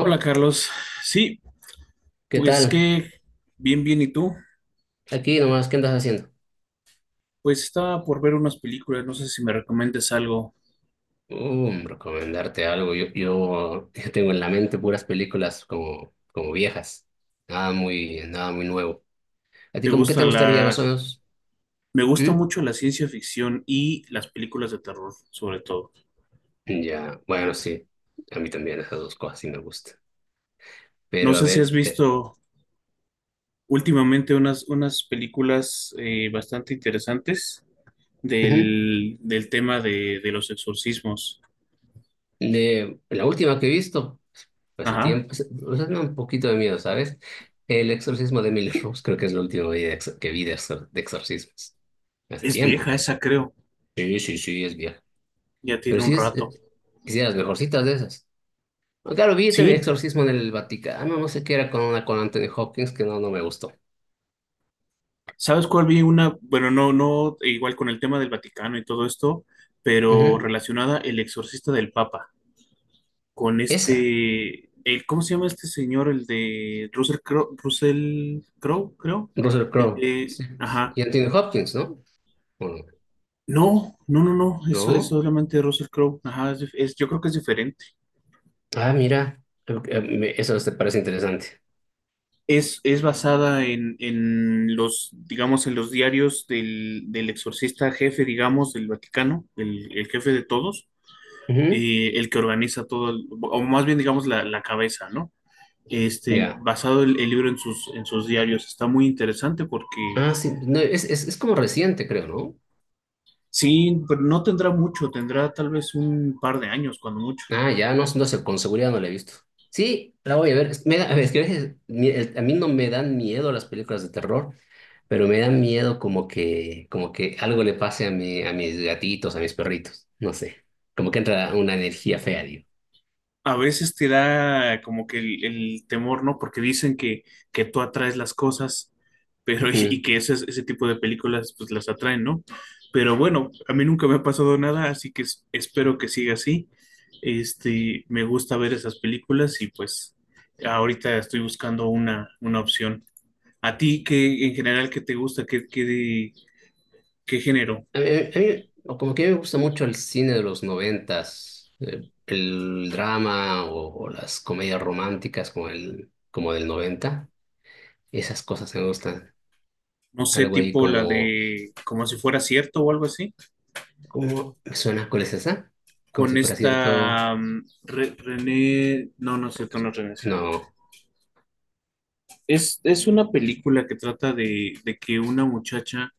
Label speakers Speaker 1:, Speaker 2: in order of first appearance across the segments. Speaker 1: Hola Carlos, sí,
Speaker 2: ¿Qué
Speaker 1: pues
Speaker 2: tal?
Speaker 1: que bien, bien, ¿y tú?
Speaker 2: Aquí nomás, ¿qué andas haciendo?
Speaker 1: Pues estaba por ver unas películas, no sé si me recomiendas algo.
Speaker 2: Recomendarte algo. Yo, yo tengo en la mente puras películas como viejas. Nada muy nuevo. ¿A ti
Speaker 1: ¿Te
Speaker 2: como qué te
Speaker 1: gusta
Speaker 2: gustaría
Speaker 1: la...
Speaker 2: más o menos?
Speaker 1: Me gusta
Speaker 2: ¿Mm?
Speaker 1: mucho la ciencia ficción y las películas de terror, sobre todo.
Speaker 2: Ya, bueno, sí. A mí también esas dos cosas sí me gustan.
Speaker 1: No
Speaker 2: Pero a
Speaker 1: sé si has
Speaker 2: ver, te...
Speaker 1: visto últimamente unas películas bastante interesantes
Speaker 2: Ujú.
Speaker 1: del tema de los exorcismos.
Speaker 2: De la última que he visto, hace
Speaker 1: Ajá,
Speaker 2: tiempo, o sea, me da un poquito de miedo, ¿sabes? El exorcismo de Emily Rose, creo que es lo último que de exorcismos. Hace
Speaker 1: es
Speaker 2: tiempo.
Speaker 1: vieja esa, creo,
Speaker 2: Sí, sí, sí, es vieja.
Speaker 1: ya
Speaker 2: Pero
Speaker 1: tiene un
Speaker 2: sí
Speaker 1: rato.
Speaker 2: es de las mejorcitas de esas. Pues claro, vi también
Speaker 1: Sí,
Speaker 2: Exorcismo en el Vaticano, no sé qué era con una con Anthony Hopkins que no me gustó.
Speaker 1: ¿sabes cuál vi una? Bueno, no, no, igual con el tema del Vaticano y todo esto, pero
Speaker 2: Ujú.
Speaker 1: relacionada el exorcista del Papa, con
Speaker 2: Esa,
Speaker 1: este, el, ¿cómo se llama este señor? El de Russell Crowe, Russell Crowe, creo.
Speaker 2: Russell
Speaker 1: El
Speaker 2: Crowe.
Speaker 1: de,
Speaker 2: Sí, pues.
Speaker 1: ajá.
Speaker 2: Y Anthony Hopkins, ¿no? ¿O no?
Speaker 1: No, no, no, no, eso es
Speaker 2: ¿No?
Speaker 1: solamente Russell Crowe, ajá, yo creo que es diferente.
Speaker 2: Ah, mira, eso te parece interesante.
Speaker 1: Es basada en los, digamos, en los diarios del exorcista jefe, digamos, del Vaticano, el jefe de todos
Speaker 2: Ujú.
Speaker 1: el que organiza todo, o más bien digamos la cabeza, ¿no? Este,
Speaker 2: Ya.
Speaker 1: basado el libro en sus diarios, está muy interesante porque
Speaker 2: Ah, sí, no, es como reciente, creo, ¿no?
Speaker 1: sí, pero no tendrá mucho, tendrá tal vez un par de años, cuando mucho.
Speaker 2: Ah, ya, no, no sé, con seguridad no la he visto. Sí, la voy a ver. A ver, es que a veces a mí no me dan miedo las películas de terror. Pero me da miedo como que algo le pase a a mis gatitos, a mis perritos, no sé. Como que entra una energía fea, digo.
Speaker 1: A veces te da como que el temor, ¿no? Porque dicen que tú atraes las cosas, pero
Speaker 2: Ujú.
Speaker 1: y que ese tipo de películas pues las atraen, ¿no? Pero bueno, a mí nunca me ha pasado nada, así que espero que siga así. Me gusta ver esas películas y pues ahorita estoy buscando una opción. ¿A ti qué en general qué te gusta? ¿Qué género?
Speaker 2: A mí, o como que me gusta mucho el cine de los noventas, el drama o las comedias románticas como como del noventa. Esas cosas me gustan.
Speaker 1: No sé,
Speaker 2: Algo ahí
Speaker 1: tipo la
Speaker 2: como,
Speaker 1: de como si fuera cierto o algo así.
Speaker 2: ¿cómo me suena? ¿Cuál es esa? Como
Speaker 1: Con
Speaker 2: si fuera cierto.
Speaker 1: esta René, no, no es cierto, no es René Zellweger.
Speaker 2: No.
Speaker 1: Es una película que trata de que una muchacha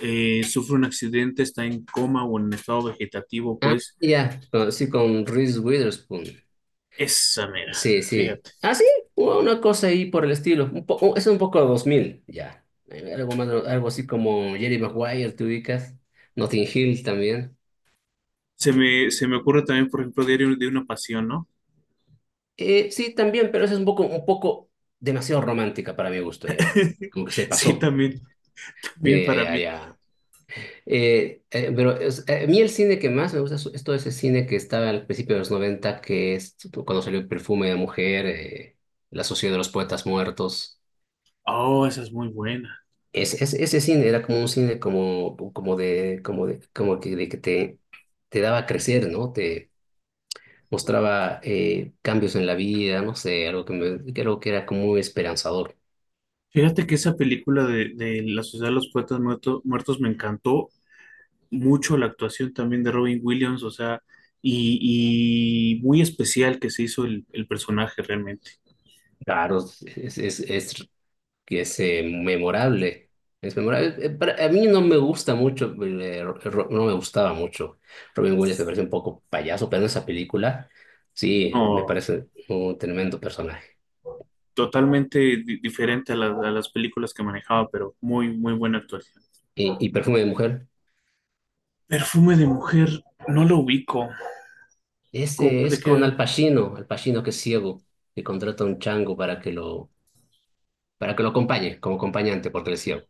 Speaker 1: sufre un accidente, está en coma o en estado vegetativo,
Speaker 2: Ah,
Speaker 1: pues
Speaker 2: ya. Sí, con Reese Witherspoon.
Speaker 1: esa mera,
Speaker 2: Sí, sí.
Speaker 1: fíjate.
Speaker 2: Ah, sí, una cosa ahí por el estilo. Es un poco 2000 ya. Algo más, algo así como Jerry Maguire, te ubicas. Notting Hill también.
Speaker 1: Se me ocurre también, por ejemplo, Diario de una Pasión, ¿no?
Speaker 2: Sí, también, pero esa es un poco demasiado romántica para mi gusto ya. Como que se
Speaker 1: Sí,
Speaker 2: pasó.
Speaker 1: también, también
Speaker 2: Ya,
Speaker 1: para
Speaker 2: ya,
Speaker 1: mí.
Speaker 2: ya. Pero es- A mí el cine que más me gusta es todo ese cine que estaba al principio de los noventa, que es cuando salió Perfume de Mujer, La Sociedad de los Poetas Muertos.
Speaker 1: Oh, esa es muy buena.
Speaker 2: Ese cine era como un cine como, como de, como de, como que, de que te daba a crecer, ¿no? Te mostraba cambios en la vida, no sé, algo que algo que era como muy esperanzador.
Speaker 1: Fíjate que esa película de La Sociedad de los Poetas Muertos, me encantó mucho la actuación también de Robin Williams, o sea, y, y muy especial que se hizo el personaje realmente.
Speaker 2: Claro, es, es, es, que es memorable. Es memorable. A mí no me gusta mucho, no me gustaba mucho. Robin Williams me parece un poco payaso, pero en esa película sí, me
Speaker 1: No,
Speaker 2: parece un tremendo personaje.
Speaker 1: totalmente diferente a las películas que manejaba, pero muy, muy buena actuación.
Speaker 2: Y Perfume de Mujer?
Speaker 1: Perfume de mujer, no lo ubico.
Speaker 2: Este
Speaker 1: ¿De
Speaker 2: es con
Speaker 1: qué?
Speaker 2: Al Pacino, Al Pacino que es ciego, que contrata a un chango para que para que lo acompañe como acompañante porque él es ciego.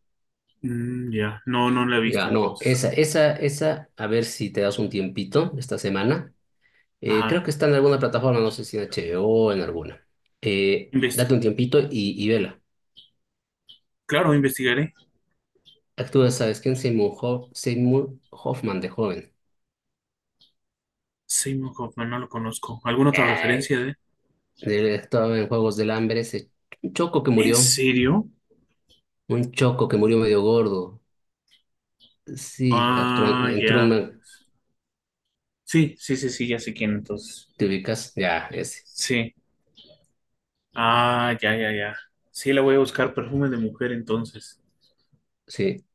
Speaker 1: Mm, ya, no, no la he visto
Speaker 2: Ya, no,
Speaker 1: entonces.
Speaker 2: esa, a ver si te das un tiempito esta semana. Creo
Speaker 1: Ajá,
Speaker 2: que está en alguna plataforma, no sé si en HBO o en alguna.
Speaker 1: investi-
Speaker 2: Date un tiempito y vela.
Speaker 1: claro, investigaré.
Speaker 2: Actúa, ¿sabes quién? Seymour Hoffman de joven.
Speaker 1: Seymour Hoffman, no lo conozco. ¿Alguna otra
Speaker 2: Eh,
Speaker 1: referencia de?
Speaker 2: Él actuaba en Juegos del Hambre, ese choco que
Speaker 1: ¿En
Speaker 2: murió,
Speaker 1: serio?
Speaker 2: un choco que murió medio gordo. Sí, entró,
Speaker 1: Ah,
Speaker 2: entró.
Speaker 1: ya. Sí, sí, sí, sí, ya sé quién entonces.
Speaker 2: ¿Te ubicas? Ya, ese.
Speaker 1: Sí. Ah, ya, ya, ya. Sí, la voy a buscar perfume de mujer entonces.
Speaker 2: Sí.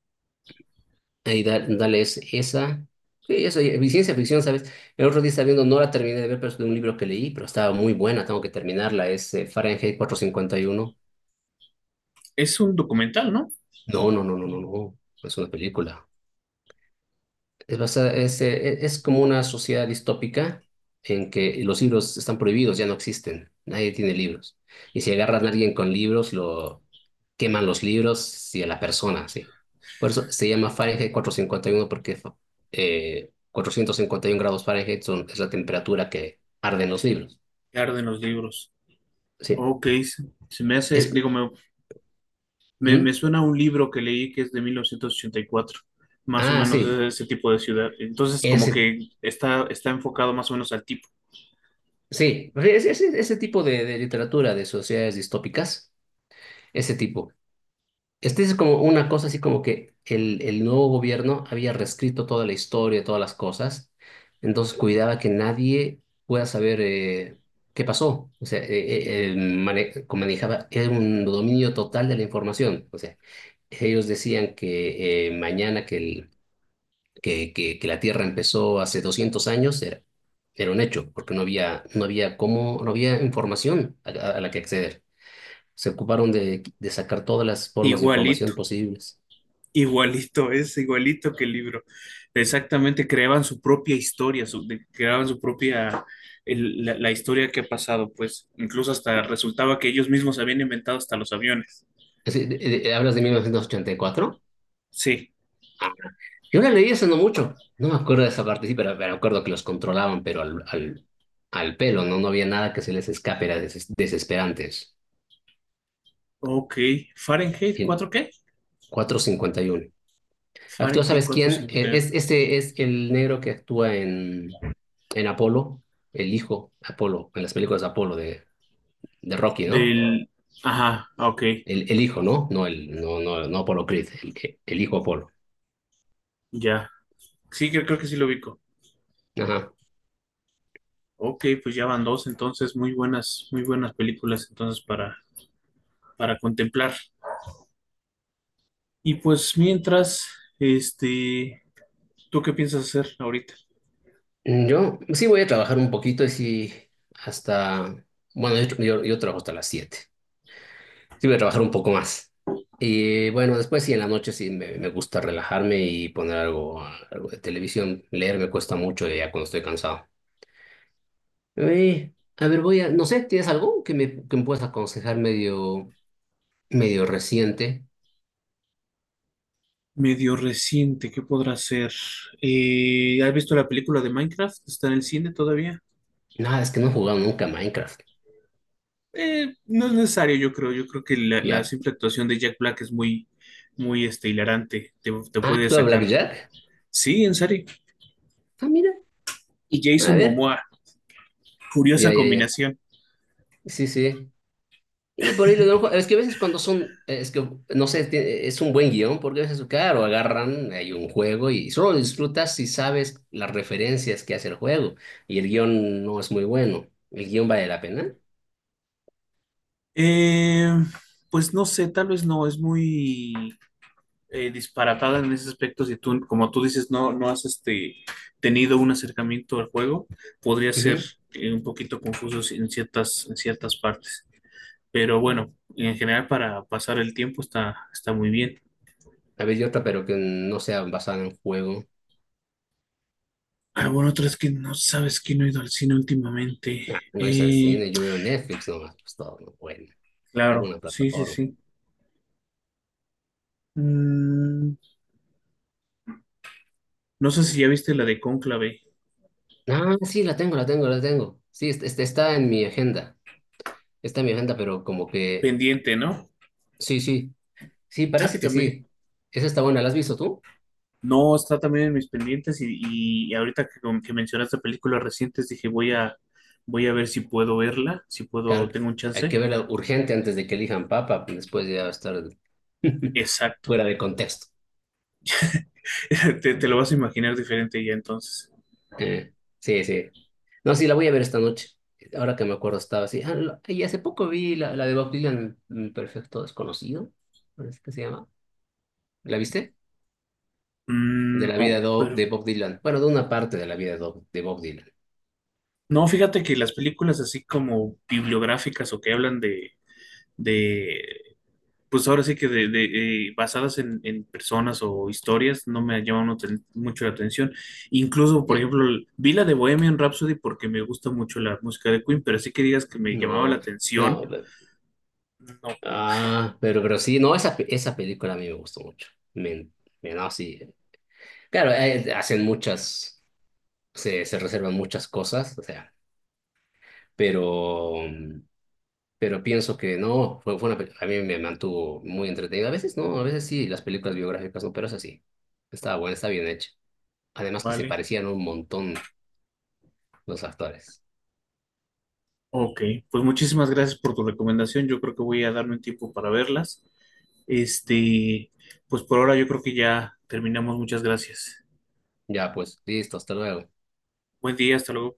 Speaker 2: Ahí dale esa. Sí, eso, y ciencia ficción, ¿sabes? El otro día estaba viendo, no la terminé de ver, pero es de un libro que leí, pero estaba muy buena, tengo que terminarla. Es Fahrenheit cuatrocientos cincuenta y uno.
Speaker 1: Es un documental, ¿no?
Speaker 2: No, no, no, no, no, no. Es una película. Es, basada- es, e- Es como una sociedad distópica en que los libros están prohibidos, ya no existen. Nadie tiene libros. Y si agarran a alguien con libros, queman los libros y a las personas, sí. Por eso se llama Fahrenheit cuatrocientos cincuenta y uno, porque 451 grados Fahrenheit es la temperatura que arden los libros.
Speaker 1: Claro, arden los libros.
Speaker 2: Sí.
Speaker 1: Ok, se me
Speaker 2: Es.
Speaker 1: hace, digo, me
Speaker 2: ¿Mm?
Speaker 1: suena a un libro que leí que es de 1984, más o
Speaker 2: Ah,
Speaker 1: menos es
Speaker 2: sí.
Speaker 1: de ese tipo de ciudad. Entonces, como
Speaker 2: Ese,
Speaker 1: que está enfocado más o menos al tipo.
Speaker 2: sí. Ese tipo de literatura de sociedades distópicas, ese tipo. Este es como una cosa así como que el nuevo gobierno había reescrito toda la historia, todas las cosas, entonces cuidaba que nadie pueda saber qué pasó. O sea, como manejaba, era un dominio total de la información. O sea, ellos decían que mañana que, el- que la Tierra empezó hace 200 años era un hecho, porque no había cómo, no había información a la que acceder. Se ocuparon de sacar todas las formas de
Speaker 1: Igualito,
Speaker 2: información posibles.
Speaker 1: Igualito, es igualito que el libro. Exactamente, creaban su propia historia, creaban su propia, la historia que ha pasado, pues incluso hasta resultaba que ellos mismos habían inventado hasta los aviones.
Speaker 2: ¿Hablas de 1984?
Speaker 1: Sí,
Speaker 2: Ah, yo la leí hace no mucho. No me acuerdo de esa parte, sí, pero me acuerdo que los controlaban, pero al pelo, ¿no? No había nada que se les escape, eran desesperantes.
Speaker 1: ok. Fahrenheit
Speaker 2: Y
Speaker 1: 4 ¿qué?
Speaker 2: 451. Actúa,
Speaker 1: Fahrenheit
Speaker 2: ¿sabes quién?
Speaker 1: cuatrocientos cincuenta y uno
Speaker 2: Este es el negro que actúa en Apolo, el hijo Apolo, en las películas de Apolo de Rocky, ¿no?
Speaker 1: Del... Ajá, ok,
Speaker 2: El hijo, ¿no? No, el, no, no, no Apolo Creed, el hijo Apolo.
Speaker 1: ya. Sí, creo que sí lo ubico.
Speaker 2: Ajá.
Speaker 1: Ok, pues ya van dos, entonces muy buenas películas entonces para, contemplar. Y pues mientras, este... ¿Tú qué piensas hacer ahorita?
Speaker 2: Yo sí voy a trabajar un poquito y sí, hasta, bueno, yo trabajo hasta las 7. Sí voy a trabajar un poco más. Y bueno, después sí, en la noche sí me gusta relajarme y poner algo, algo de televisión. Leer me cuesta mucho ya cuando estoy cansado. A ver, voy a, no sé, ¿tienes algo que me puedas aconsejar medio reciente?
Speaker 1: Medio reciente, ¿qué podrá ser? ¿Has visto la película de Minecraft? ¿Está en el cine todavía?
Speaker 2: Nada, es que no he jugado nunca a Minecraft.
Speaker 1: No es necesario, yo creo. Yo creo que la
Speaker 2: Ya.
Speaker 1: simple actuación de Jack Black es muy, muy hilarante. Te
Speaker 2: Ah,
Speaker 1: puede
Speaker 2: ¿tú a
Speaker 1: sacar.
Speaker 2: Blackjack?
Speaker 1: Sí, en serio.
Speaker 2: Ah, mira,
Speaker 1: Y
Speaker 2: a
Speaker 1: Jason
Speaker 2: ver.
Speaker 1: Momoa, curiosa
Speaker 2: Ya, ya, ya.
Speaker 1: combinación.
Speaker 2: Sí, sí. Y por ahí le doy un Es que a veces cuando son, es que no sé, es un buen guión, porque a veces, claro, agarran, hay un juego y solo lo disfrutas si sabes las referencias que hace el juego. Y el guión no es muy bueno. ¿El guión vale la pena?
Speaker 1: Eh, pues no sé, tal vez no, es muy disparatada en ese aspecto, si tú, como tú dices, no, no has tenido un acercamiento al juego, podría ser
Speaker 2: Ujú.
Speaker 1: un poquito confuso en ciertas, partes. Pero bueno, en general para pasar el tiempo está muy bien.
Speaker 2: A ver, y otra, pero que no sea basada en juego.
Speaker 1: Ah, bueno, otra es que no sabes que no he ido al cine últimamente.
Speaker 2: Ah, no es el
Speaker 1: Eh,
Speaker 2: cine, yo veo Netflix nomás, pues todo, ¿no? Bueno,
Speaker 1: claro,
Speaker 2: alguna
Speaker 1: sí, sí,
Speaker 2: plataforma.
Speaker 1: sí. Mm, no sé si ya viste la de Cónclave,
Speaker 2: Ah, sí, la tengo. Sí, este está en mi agenda. Está en mi agenda, pero como que.
Speaker 1: pendiente, ¿no?
Speaker 2: Sí, sí. Sí, parece que
Speaker 1: También.
Speaker 2: sí. Esa está buena. ¿La has visto tú?
Speaker 1: No, está también en mis pendientes y ahorita que mencionaste películas recientes, dije, voy a ver si puedo verla, si
Speaker 2: Claro,
Speaker 1: puedo, tengo
Speaker 2: que
Speaker 1: un
Speaker 2: hay que
Speaker 1: chance.
Speaker 2: verla urgente antes de que elijan papa. Después ya va a estar
Speaker 1: Exacto.
Speaker 2: fuera de contexto.
Speaker 1: Te lo vas a imaginar diferente ya entonces.
Speaker 2: Sí, sí. No, sí, la voy a ver esta noche. Ahora que me acuerdo, estaba así. Ah, y hace poco vi la de Bob Dylan, Perfecto Desconocido. Parece que se llama. ¿La viste? De
Speaker 1: Mm,
Speaker 2: la
Speaker 1: no, pero
Speaker 2: de Bob Dylan. Bueno, de una parte de la de Bob Dylan.
Speaker 1: no, fíjate que las películas así como bibliográficas o que hablan de pues ahora sí que de, basadas en personas o historias no me llaman mucho mucho la atención. Incluso, por
Speaker 2: Ya.
Speaker 1: ejemplo, vi la de Bohemian Rhapsody porque me gusta mucho la música de Queen, pero así que digas que me llamaba la
Speaker 2: No,
Speaker 1: atención,
Speaker 2: no.
Speaker 1: no,
Speaker 2: Ah, pero sí, no, esa película a mí me gustó mucho. Me, no, sí. Claro, hacen muchas, se reservan muchas cosas, o sea, pero, pero pienso que no, fue una, a mí me mantuvo muy entretenida. A veces no, a veces sí, las películas biográficas no, pero es así. Estaba buena, está bien hecha. Además que se
Speaker 1: vale.
Speaker 2: parecían un montón los actores.
Speaker 1: Ok, pues muchísimas gracias por tu recomendación. Yo creo que voy a darme un tiempo para verlas. Este, pues por ahora yo creo que ya terminamos. Muchas gracias.
Speaker 2: Ya, pues, listo, hasta luego.
Speaker 1: Buen día, hasta luego.